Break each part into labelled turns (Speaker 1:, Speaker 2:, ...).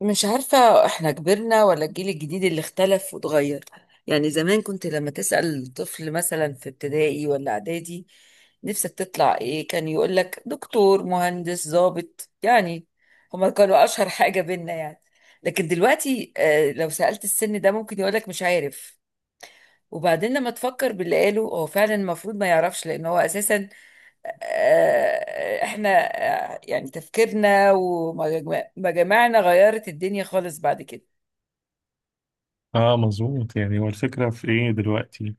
Speaker 1: مش عارفة احنا كبرنا ولا الجيل الجديد اللي اختلف واتغير. يعني زمان كنت لما تسأل طفل مثلا في ابتدائي ولا اعدادي نفسك تطلع ايه، كان يقول لك دكتور مهندس ضابط، يعني هما كانوا اشهر حاجة بينا يعني. لكن دلوقتي لو سألت السن ده ممكن يقول لك مش عارف. وبعدين لما تفكر باللي قاله هو فعلا المفروض ما يعرفش، لان هو اساسا احنا يعني تفكيرنا ومجامعنا غيرت الدنيا خالص بعد كده.
Speaker 2: اه، مظبوط، يعني هو الفكرة في ايه دلوقتي؟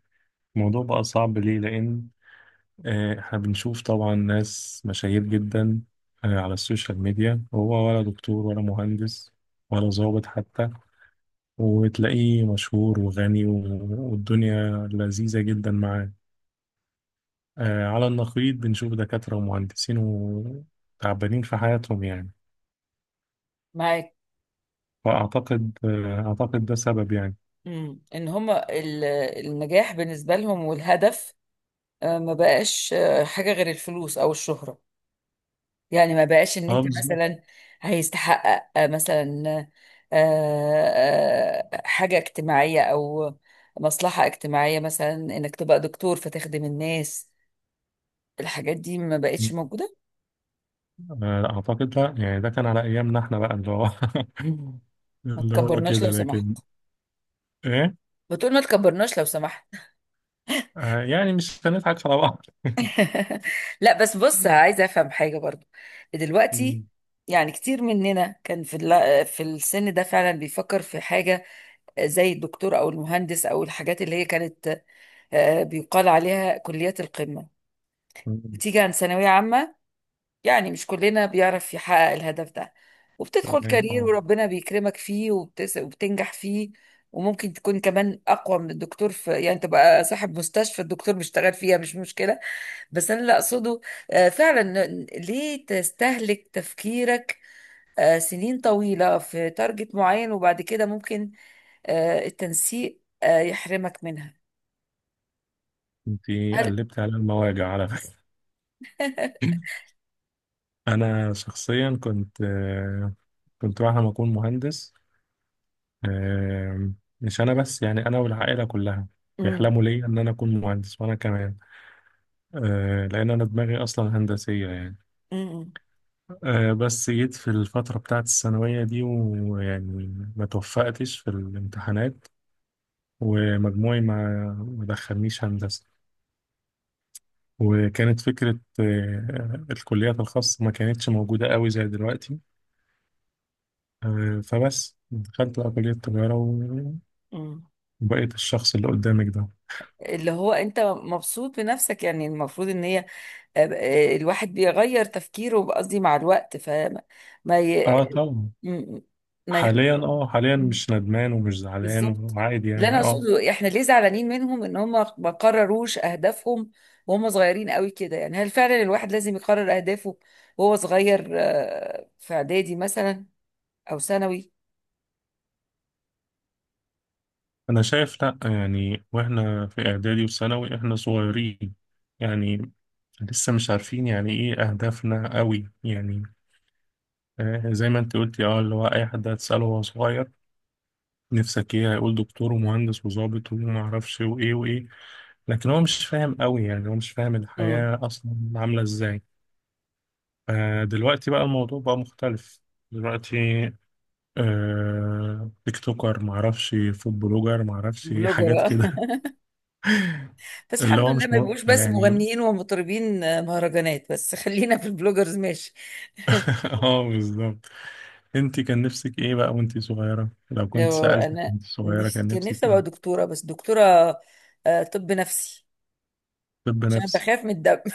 Speaker 2: الموضوع بقى صعب ليه؟ لان احنا بنشوف طبعا ناس مشاهير جدا على السوشيال ميديا، هو ولا دكتور ولا مهندس ولا ضابط حتى، وتلاقيه مشهور وغني والدنيا لذيذة جدا معاه. على النقيض بنشوف دكاترة ومهندسين وتعبانين في حياتهم يعني.
Speaker 1: معاك.
Speaker 2: فأعتقد آه، أعتقد ده سبب يعني.
Speaker 1: مم. ان هم النجاح بالنسبة لهم والهدف ما بقاش حاجة غير الفلوس او الشهرة. يعني ما بقاش ان
Speaker 2: اه،
Speaker 1: انت
Speaker 2: بالظبط.
Speaker 1: مثلا هيستحقق مثلا آه، حاجة اجتماعية او مصلحة اجتماعية، مثلا انك تبقى دكتور فتخدم الناس. الحاجات دي ما بقتش موجودة.
Speaker 2: آه، لا أعتقد، لا، يعني ده كان على أيامنا إحنا بقى، اللي هو
Speaker 1: ما
Speaker 2: اللي هو
Speaker 1: تكبرناش
Speaker 2: كده.
Speaker 1: لو سمحت.
Speaker 2: لكن إيه؟
Speaker 1: بتقول ما تكبرناش لو سمحت.
Speaker 2: يعني مش هنضحك على بعض.
Speaker 1: لا بس بص، عايزه افهم حاجه برضو دلوقتي.
Speaker 2: مم.
Speaker 1: يعني كتير مننا كان في في السن ده فعلا بيفكر في حاجه زي الدكتور او المهندس، او الحاجات اللي هي كانت بيقال عليها كليات القمه،
Speaker 2: مم.
Speaker 1: بتيجي عن ثانويه عامه. يعني مش كلنا بيعرف يحقق الهدف ده، وبتدخل
Speaker 2: تمام،
Speaker 1: كارير
Speaker 2: أه.
Speaker 1: وربنا بيكرمك فيه وبتنجح فيه. وممكن تكون كمان أقوى من الدكتور، في يعني تبقى صاحب مستشفى الدكتور بيشتغل فيها، مش مشكلة. بس أنا اللي أقصده فعلا، ليه تستهلك تفكيرك سنين طويلة في تارجت معين وبعد كده ممكن التنسيق يحرمك منها؟
Speaker 2: أنت
Speaker 1: هل
Speaker 2: قلبت على المواجع على فكرة. أنا شخصيا كنت كنت بعد ما أكون مهندس. آه، مش أنا بس، يعني أنا والعائلة كلها
Speaker 1: مم.
Speaker 2: بيحلموا ليا إن أنا أكون مهندس، وأنا كمان لأن أنا دماغي أصلا هندسية يعني.
Speaker 1: مم.
Speaker 2: بس جيت في الفترة بتاعت الثانوية دي، ويعني ما توفقتش في الامتحانات، ومجموعي ما دخلنيش هندسة. وكانت فكرة الكليات الخاصة ما كانتش موجودة قوي زي دلوقتي. فبس دخلت بقى كلية التجارة،
Speaker 1: مم.
Speaker 2: وبقيت الشخص اللي قدامك ده.
Speaker 1: اللي هو انت مبسوط بنفسك؟ يعني المفروض ان هي آه، الواحد بيغير تفكيره، قصدي مع الوقت، فما ما ي...
Speaker 2: اه طبعا.
Speaker 1: م- ما ي...
Speaker 2: حاليا، حاليا مش ندمان ومش زعلان
Speaker 1: بالظبط
Speaker 2: وعادي
Speaker 1: اللي انا
Speaker 2: يعني، اه.
Speaker 1: اقصده، احنا ليه زعلانين منهم ان هم ما قرروش اهدافهم وهم صغيرين قوي كده؟ يعني هل فعلا الواحد لازم يقرر اهدافه وهو صغير في اعدادي مثلا او ثانوي؟
Speaker 2: انا شايف لا، يعني واحنا في اعدادي وثانوي احنا صغيرين يعني، لسه مش عارفين يعني ايه اهدافنا قوي يعني. زي ما انت قلتي، اه، اللي هو اي حد هتساله وهو صغير نفسك ايه، هيقول دكتور ومهندس وظابط وما اعرفش وايه وايه. لكن هو مش فاهم قوي، يعني هو مش فاهم
Speaker 1: امم.
Speaker 2: الحياة اصلا عاملة ازاي. فدلوقتي بقى الموضوع بقى مختلف. دلوقتي تيك توكر، ما اعرفش، فود بلوجر، ما اعرفش
Speaker 1: بلوجر،
Speaker 2: حاجات
Speaker 1: آه.
Speaker 2: كده.
Speaker 1: بس
Speaker 2: اللي
Speaker 1: الحمد
Speaker 2: هو
Speaker 1: لله
Speaker 2: مش
Speaker 1: ما يبقوش بس
Speaker 2: يعني.
Speaker 1: مغنيين ومطربين مهرجانات، بس خلينا في البلوجرز ماشي.
Speaker 2: اه، بالظبط. انت كان نفسك ايه بقى وانت صغيرة؟ لو كنت
Speaker 1: لو
Speaker 2: سألتك
Speaker 1: انا
Speaker 2: وانت صغيرة
Speaker 1: نفسي،
Speaker 2: كان
Speaker 1: كان نفسي
Speaker 2: نفسك
Speaker 1: ابقى
Speaker 2: ايه؟
Speaker 1: دكتوره، بس دكتوره طب نفسي.
Speaker 2: طب
Speaker 1: عشان أنا
Speaker 2: نفسي.
Speaker 1: بخاف من الدم. ما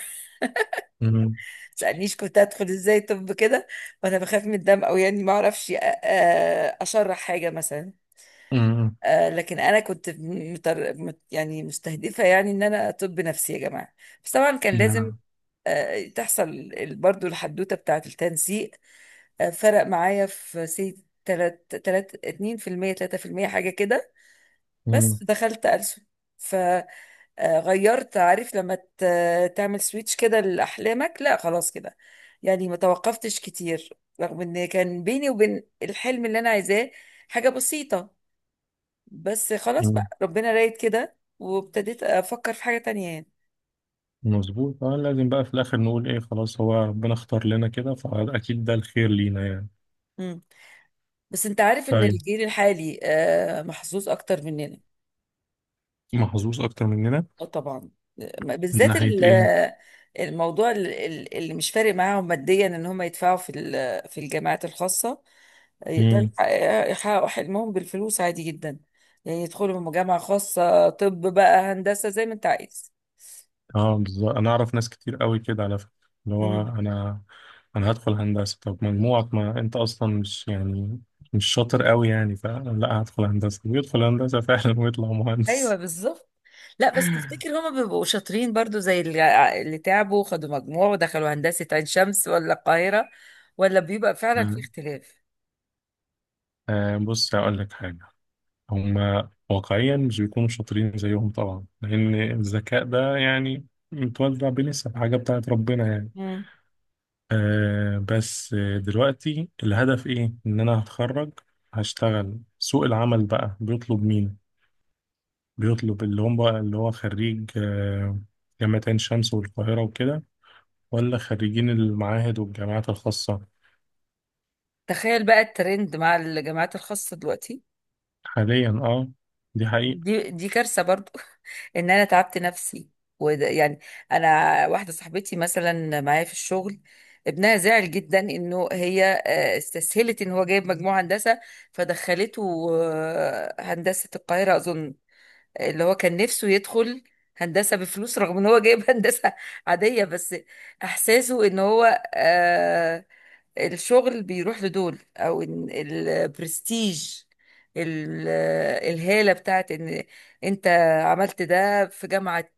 Speaker 2: امم.
Speaker 1: تسالنيش كنت هدخل ازاي طب كده وانا بخاف من الدم، او يعني ما اعرفش اشرح حاجه مثلا.
Speaker 2: امم.
Speaker 1: لكن انا كنت يعني مستهدفه، يعني ان انا طب نفسي يا جماعه. بس طبعا كان لازم
Speaker 2: نعم.
Speaker 1: تحصل برضو الحدوته بتاعه التنسيق. فرق معايا في سي تلات اتنين في المية تلاتة في المية حاجة كده.
Speaker 2: امم.
Speaker 1: بس دخلت ألسن. غيرت، عارف لما تعمل سويتش كده لأحلامك، لا خلاص كده. يعني ما توقفتش كتير رغم ان كان بيني وبين الحلم اللي انا عايزاه حاجة بسيطة، بس خلاص
Speaker 2: امم.
Speaker 1: بقى ربنا رايد كده وابتديت افكر في حاجة تانية يعني.
Speaker 2: مظبوط، اه، لازم بقى في الاخر نقول ايه، خلاص هو ربنا اختار لنا كده، فاكيد ده الخير لينا يعني.
Speaker 1: مم. بس انت عارف ان
Speaker 2: طيب،
Speaker 1: الجيل الحالي محظوظ اكتر مننا.
Speaker 2: محظوظ اكتر مننا
Speaker 1: اه طبعا.
Speaker 2: من
Speaker 1: بالذات
Speaker 2: ناحية ايه؟
Speaker 1: الموضوع اللي مش فارق معاهم ماديا ان هم يدفعوا في في الجامعات الخاصه، يقدروا
Speaker 2: مم.
Speaker 1: يحققوا حلمهم بالفلوس عادي جدا. يعني يدخلوا من جامعه خاصه طب بقى هندسه زي ما انت عايز.
Speaker 2: اه، بالظبط، انا اعرف ناس كتير قوي كده على فكره، اللي هو
Speaker 1: مم.
Speaker 2: انا هدخل هندسه، طب مجموعك ما انت اصلا مش يعني مش شاطر قوي يعني، فلا هدخل هندسه، ويدخل هندسه فعلا ويطلع
Speaker 1: ايوه
Speaker 2: مهندس.
Speaker 1: بالظبط. لا بس تفتكر هما بيبقوا شاطرين برضو زي اللي تعبوا وخدوا مجموع ودخلوا هندسة عين شمس ولا القاهرة، ولا بيبقى فعلا في
Speaker 2: آه،
Speaker 1: اختلاف؟
Speaker 2: بص هقول لك حاجه، هم واقعيا مش بيكونوا شاطرين زيهم طبعا، لان الذكاء ده يعني متوزع بنسب، حاجه بتاعت ربنا يعني.
Speaker 1: مم.
Speaker 2: بس دلوقتي الهدف ايه؟ ان انا هتخرج هشتغل، سوق العمل بقى بيطلب مين؟ بيطلب اللي هم بقى اللي هو خريج جامعة عين شمس والقاهرة وكده، ولا خريجين المعاهد والجامعات الخاصة؟
Speaker 1: تخيل بقى الترند مع الجامعات الخاصة دلوقتي،
Speaker 2: حاليا اه، دي حقيقة.
Speaker 1: دي كارثة برضو. ان انا تعبت نفسي، وده يعني، انا واحدة صاحبتي مثلا معايا في الشغل ابنها زعل جدا انه هي استسهلت ان هو جايب مجموع هندسة فدخلته هندسة القاهرة اظن. اللي هو كان نفسه يدخل هندسة بفلوس رغم ان هو جايب هندسة عادية. بس احساسه ان هو الشغل بيروح لدول، او إن البرستيج ال- الهالة بتاعت ان انت عملت ده في جامعة،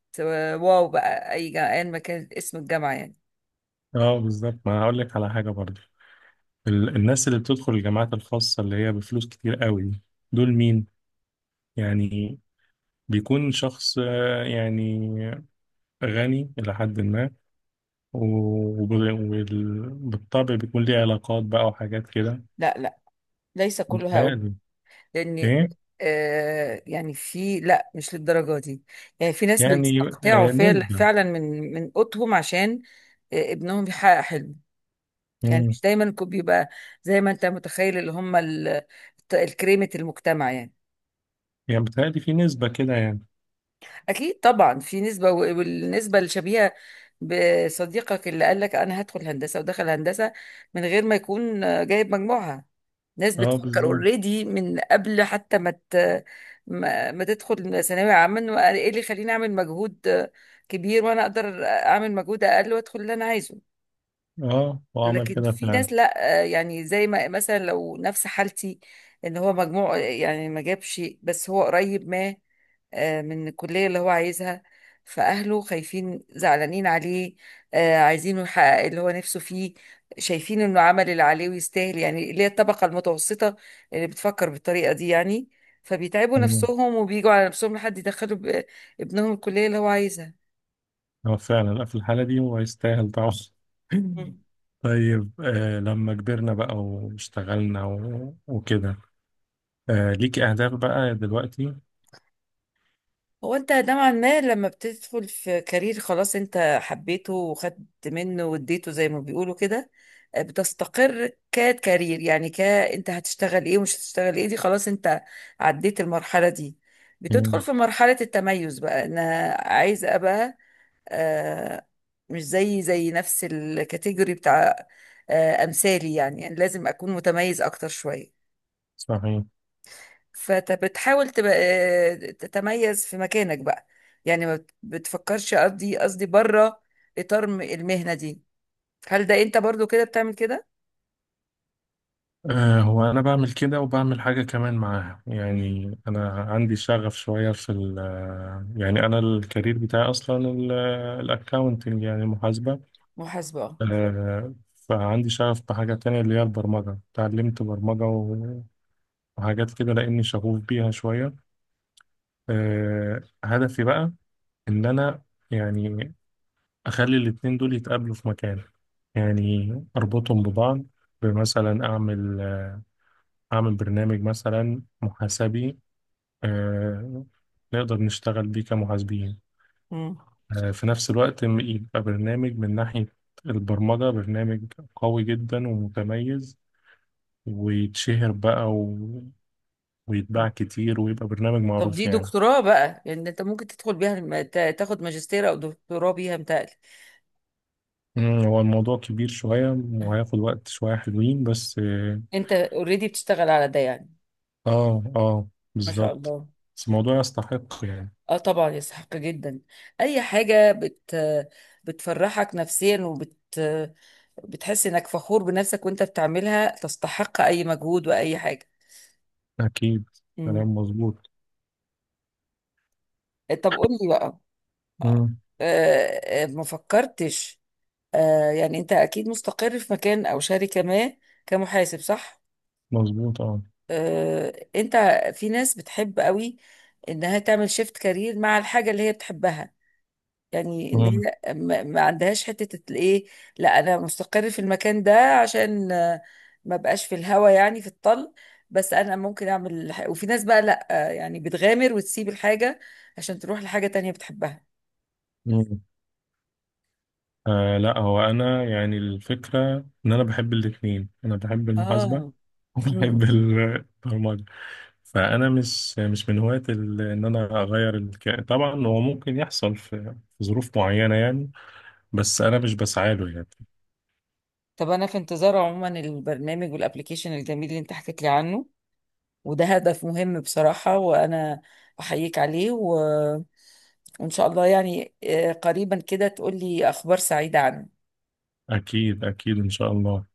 Speaker 1: واو بقى، اي جامعة ايا ما كان اسم الجامعة يعني.
Speaker 2: اه، بالظبط، ما أنا هقول لك على حاجة برضه، الناس اللي بتدخل الجامعات الخاصة اللي هي بفلوس كتير قوي دي، دول مين يعني؟ بيكون شخص يعني غني إلى حد ما، وبالطبع بيكون ليه علاقات بقى وحاجات كده.
Speaker 1: لا، ليس كل هؤلاء،
Speaker 2: متهيألي.
Speaker 1: لان
Speaker 2: إيه؟
Speaker 1: يعني في، لا مش للدرجة دي. يعني في ناس
Speaker 2: يعني
Speaker 1: بيستقطعوا
Speaker 2: نسبة،
Speaker 1: فعلا من قوتهم عشان ابنهم يحقق حلمه. يعني مش دايما بيبقى زي ما انت متخيل اللي هم الكريمة المجتمع يعني.
Speaker 2: يعني بتهيألي في نسبة كده يعني.
Speaker 1: اكيد طبعا في نسبه، والنسبه الشبيهه بصديقك اللي قال لك انا هدخل هندسه ودخل هندسه من غير ما يكون جايب مجموعها. ناس
Speaker 2: اه،
Speaker 1: بتفكر
Speaker 2: بالظبط.
Speaker 1: اوريدي من قبل حتى ما ت- ما ما تدخل ثانويه عامه، إنه ايه اللي يخليني اعمل مجهود كبير وانا اقدر اعمل مجهود اقل وادخل اللي انا عايزه؟
Speaker 2: اه، هو عمل
Speaker 1: لكن
Speaker 2: كده
Speaker 1: في
Speaker 2: فعلا.
Speaker 1: ناس لا، يعني زي ما مثلا لو نفس حالتي ان هو مجموع يعني ما جابش بس هو قريب ما من الكلية اللي هو عايزها، فأهله خايفين زعلانين عليه عايزينه يحقق اللي هو نفسه فيه، شايفين إنه عمل اللي عليه ويستاهل، يعني اللي هي الطبقة المتوسطة اللي بتفكر بالطريقة دي يعني. فبيتعبوا
Speaker 2: مم.
Speaker 1: نفسهم وبيجوا على نفسهم لحد يدخلوا ابنهم الكلية اللي هو عايزها.
Speaker 2: هو فعلا لا، في الحالة دي هو يستاهل طبعا. طيب، لما كبرنا بقى واشتغلنا وكده، ليك أهداف بقى دلوقتي؟
Speaker 1: هو انت نوعا ما لما بتدخل في كارير خلاص، انت حبيته وخدت منه واديته زي ما بيقولوا كده، بتستقر ككارير. يعني ك انت هتشتغل ايه ومش هتشتغل ايه، دي خلاص انت عديت المرحلة دي، بتدخل
Speaker 2: مم.
Speaker 1: في مرحلة التميز، بقى انا عايز ابقى آه مش زي نفس الكاتيجوري بتاع امثالي، يعني يعني لازم اكون متميز اكتر شوية.
Speaker 2: صحيح.
Speaker 1: فانت بتحاول تبقى تتميز في مكانك بقى. يعني ما بت- بتفكرش، قصدي بره اطار المهنه دي. هل ده انت برضو كده بتعمل كده؟
Speaker 2: هو أنا بعمل كده وبعمل حاجة كمان معاها،
Speaker 1: مم.
Speaker 2: يعني أنا عندي شغف شوية في ال يعني، أنا الكارير بتاعي أصلا الأكاونتنج، يعني محاسبة.
Speaker 1: محاسبه، آه.
Speaker 2: فعندي شغف بحاجة تانية اللي هي البرمجة، اتعلمت برمجة وحاجات كده لأني شغوف بيها شوية. هدفي بقى إن أنا يعني أخلي الاتنين دول يتقابلوا في مكان، يعني أربطهم ببعض، بمثلا أعمل أعمل برنامج مثلا محاسبي، آه، نقدر نشتغل بيه كمحاسبين،
Speaker 1: مم.
Speaker 2: في نفس الوقت يبقى برنامج من ناحية البرمجة، برنامج قوي جدا ومتميز، ويتشهر بقى ويتباع كتير ويبقى برنامج
Speaker 1: طب
Speaker 2: معروف
Speaker 1: دي
Speaker 2: يعني.
Speaker 1: دكتوراه بقى، يعني انت ممكن تدخل بيها تاخد ماجستير او دكتوراه بيها متهيألي.
Speaker 2: مم، هو الموضوع كبير شوية وهياخد وقت، شوية حلوين بس، اه.
Speaker 1: انت اوريدي بتشتغل على ده يعني.
Speaker 2: اه،
Speaker 1: ما شاء
Speaker 2: بالظبط.
Speaker 1: الله.
Speaker 2: بس الموضوع يستحق يعني.
Speaker 1: اه طبعا يستحق جدا. اي حاجه بت بتفرحك نفسيا، بتحس انك فخور بنفسك وانت بتعملها، تستحق اي مجهود واي حاجه.
Speaker 2: أكيد.
Speaker 1: مم.
Speaker 2: كلام مظبوط.
Speaker 1: طب قول لي بقى
Speaker 2: مم،
Speaker 1: ما فكرتش يعني، انت اكيد مستقر في مكان او شركه ما كمحاسب صح؟
Speaker 2: مظبوط اه.
Speaker 1: انت، في ناس بتحب قوي انها تعمل شيفت كارير مع الحاجه اللي هي بتحبها. يعني ان
Speaker 2: مم.
Speaker 1: هي ما عندهاش حته الايه، لا انا مستقر في المكان ده عشان ما بقاش في الهوا يعني في الطل، بس انا ممكن اعمل وفي ناس بقى لا، يعني بتغامر وتسيب الحاجه عشان تروح لحاجه تانية بتحبها.
Speaker 2: مم. لا، هو أنا يعني الفكرة إن أنا بحب الاتنين، أنا بحب المحاسبة،
Speaker 1: اه.
Speaker 2: وبحب
Speaker 1: مم.
Speaker 2: البرمجة. فانا مش من هواة ان انا اغير الكائن، طبعا هو ممكن يحصل في ظروف معينه يعني، بس انا مش بسعى له يعني.
Speaker 1: طب انا في انتظار عموما البرنامج والابليكيشن الجميل اللي انت حكيت لي عنه، وده هدف مهم بصراحه، وانا احييك عليه، وان شاء الله يعني قريبا كده تقول لي اخبار سعيده عنه.
Speaker 2: اكيد، اكيد، ان شاء الله.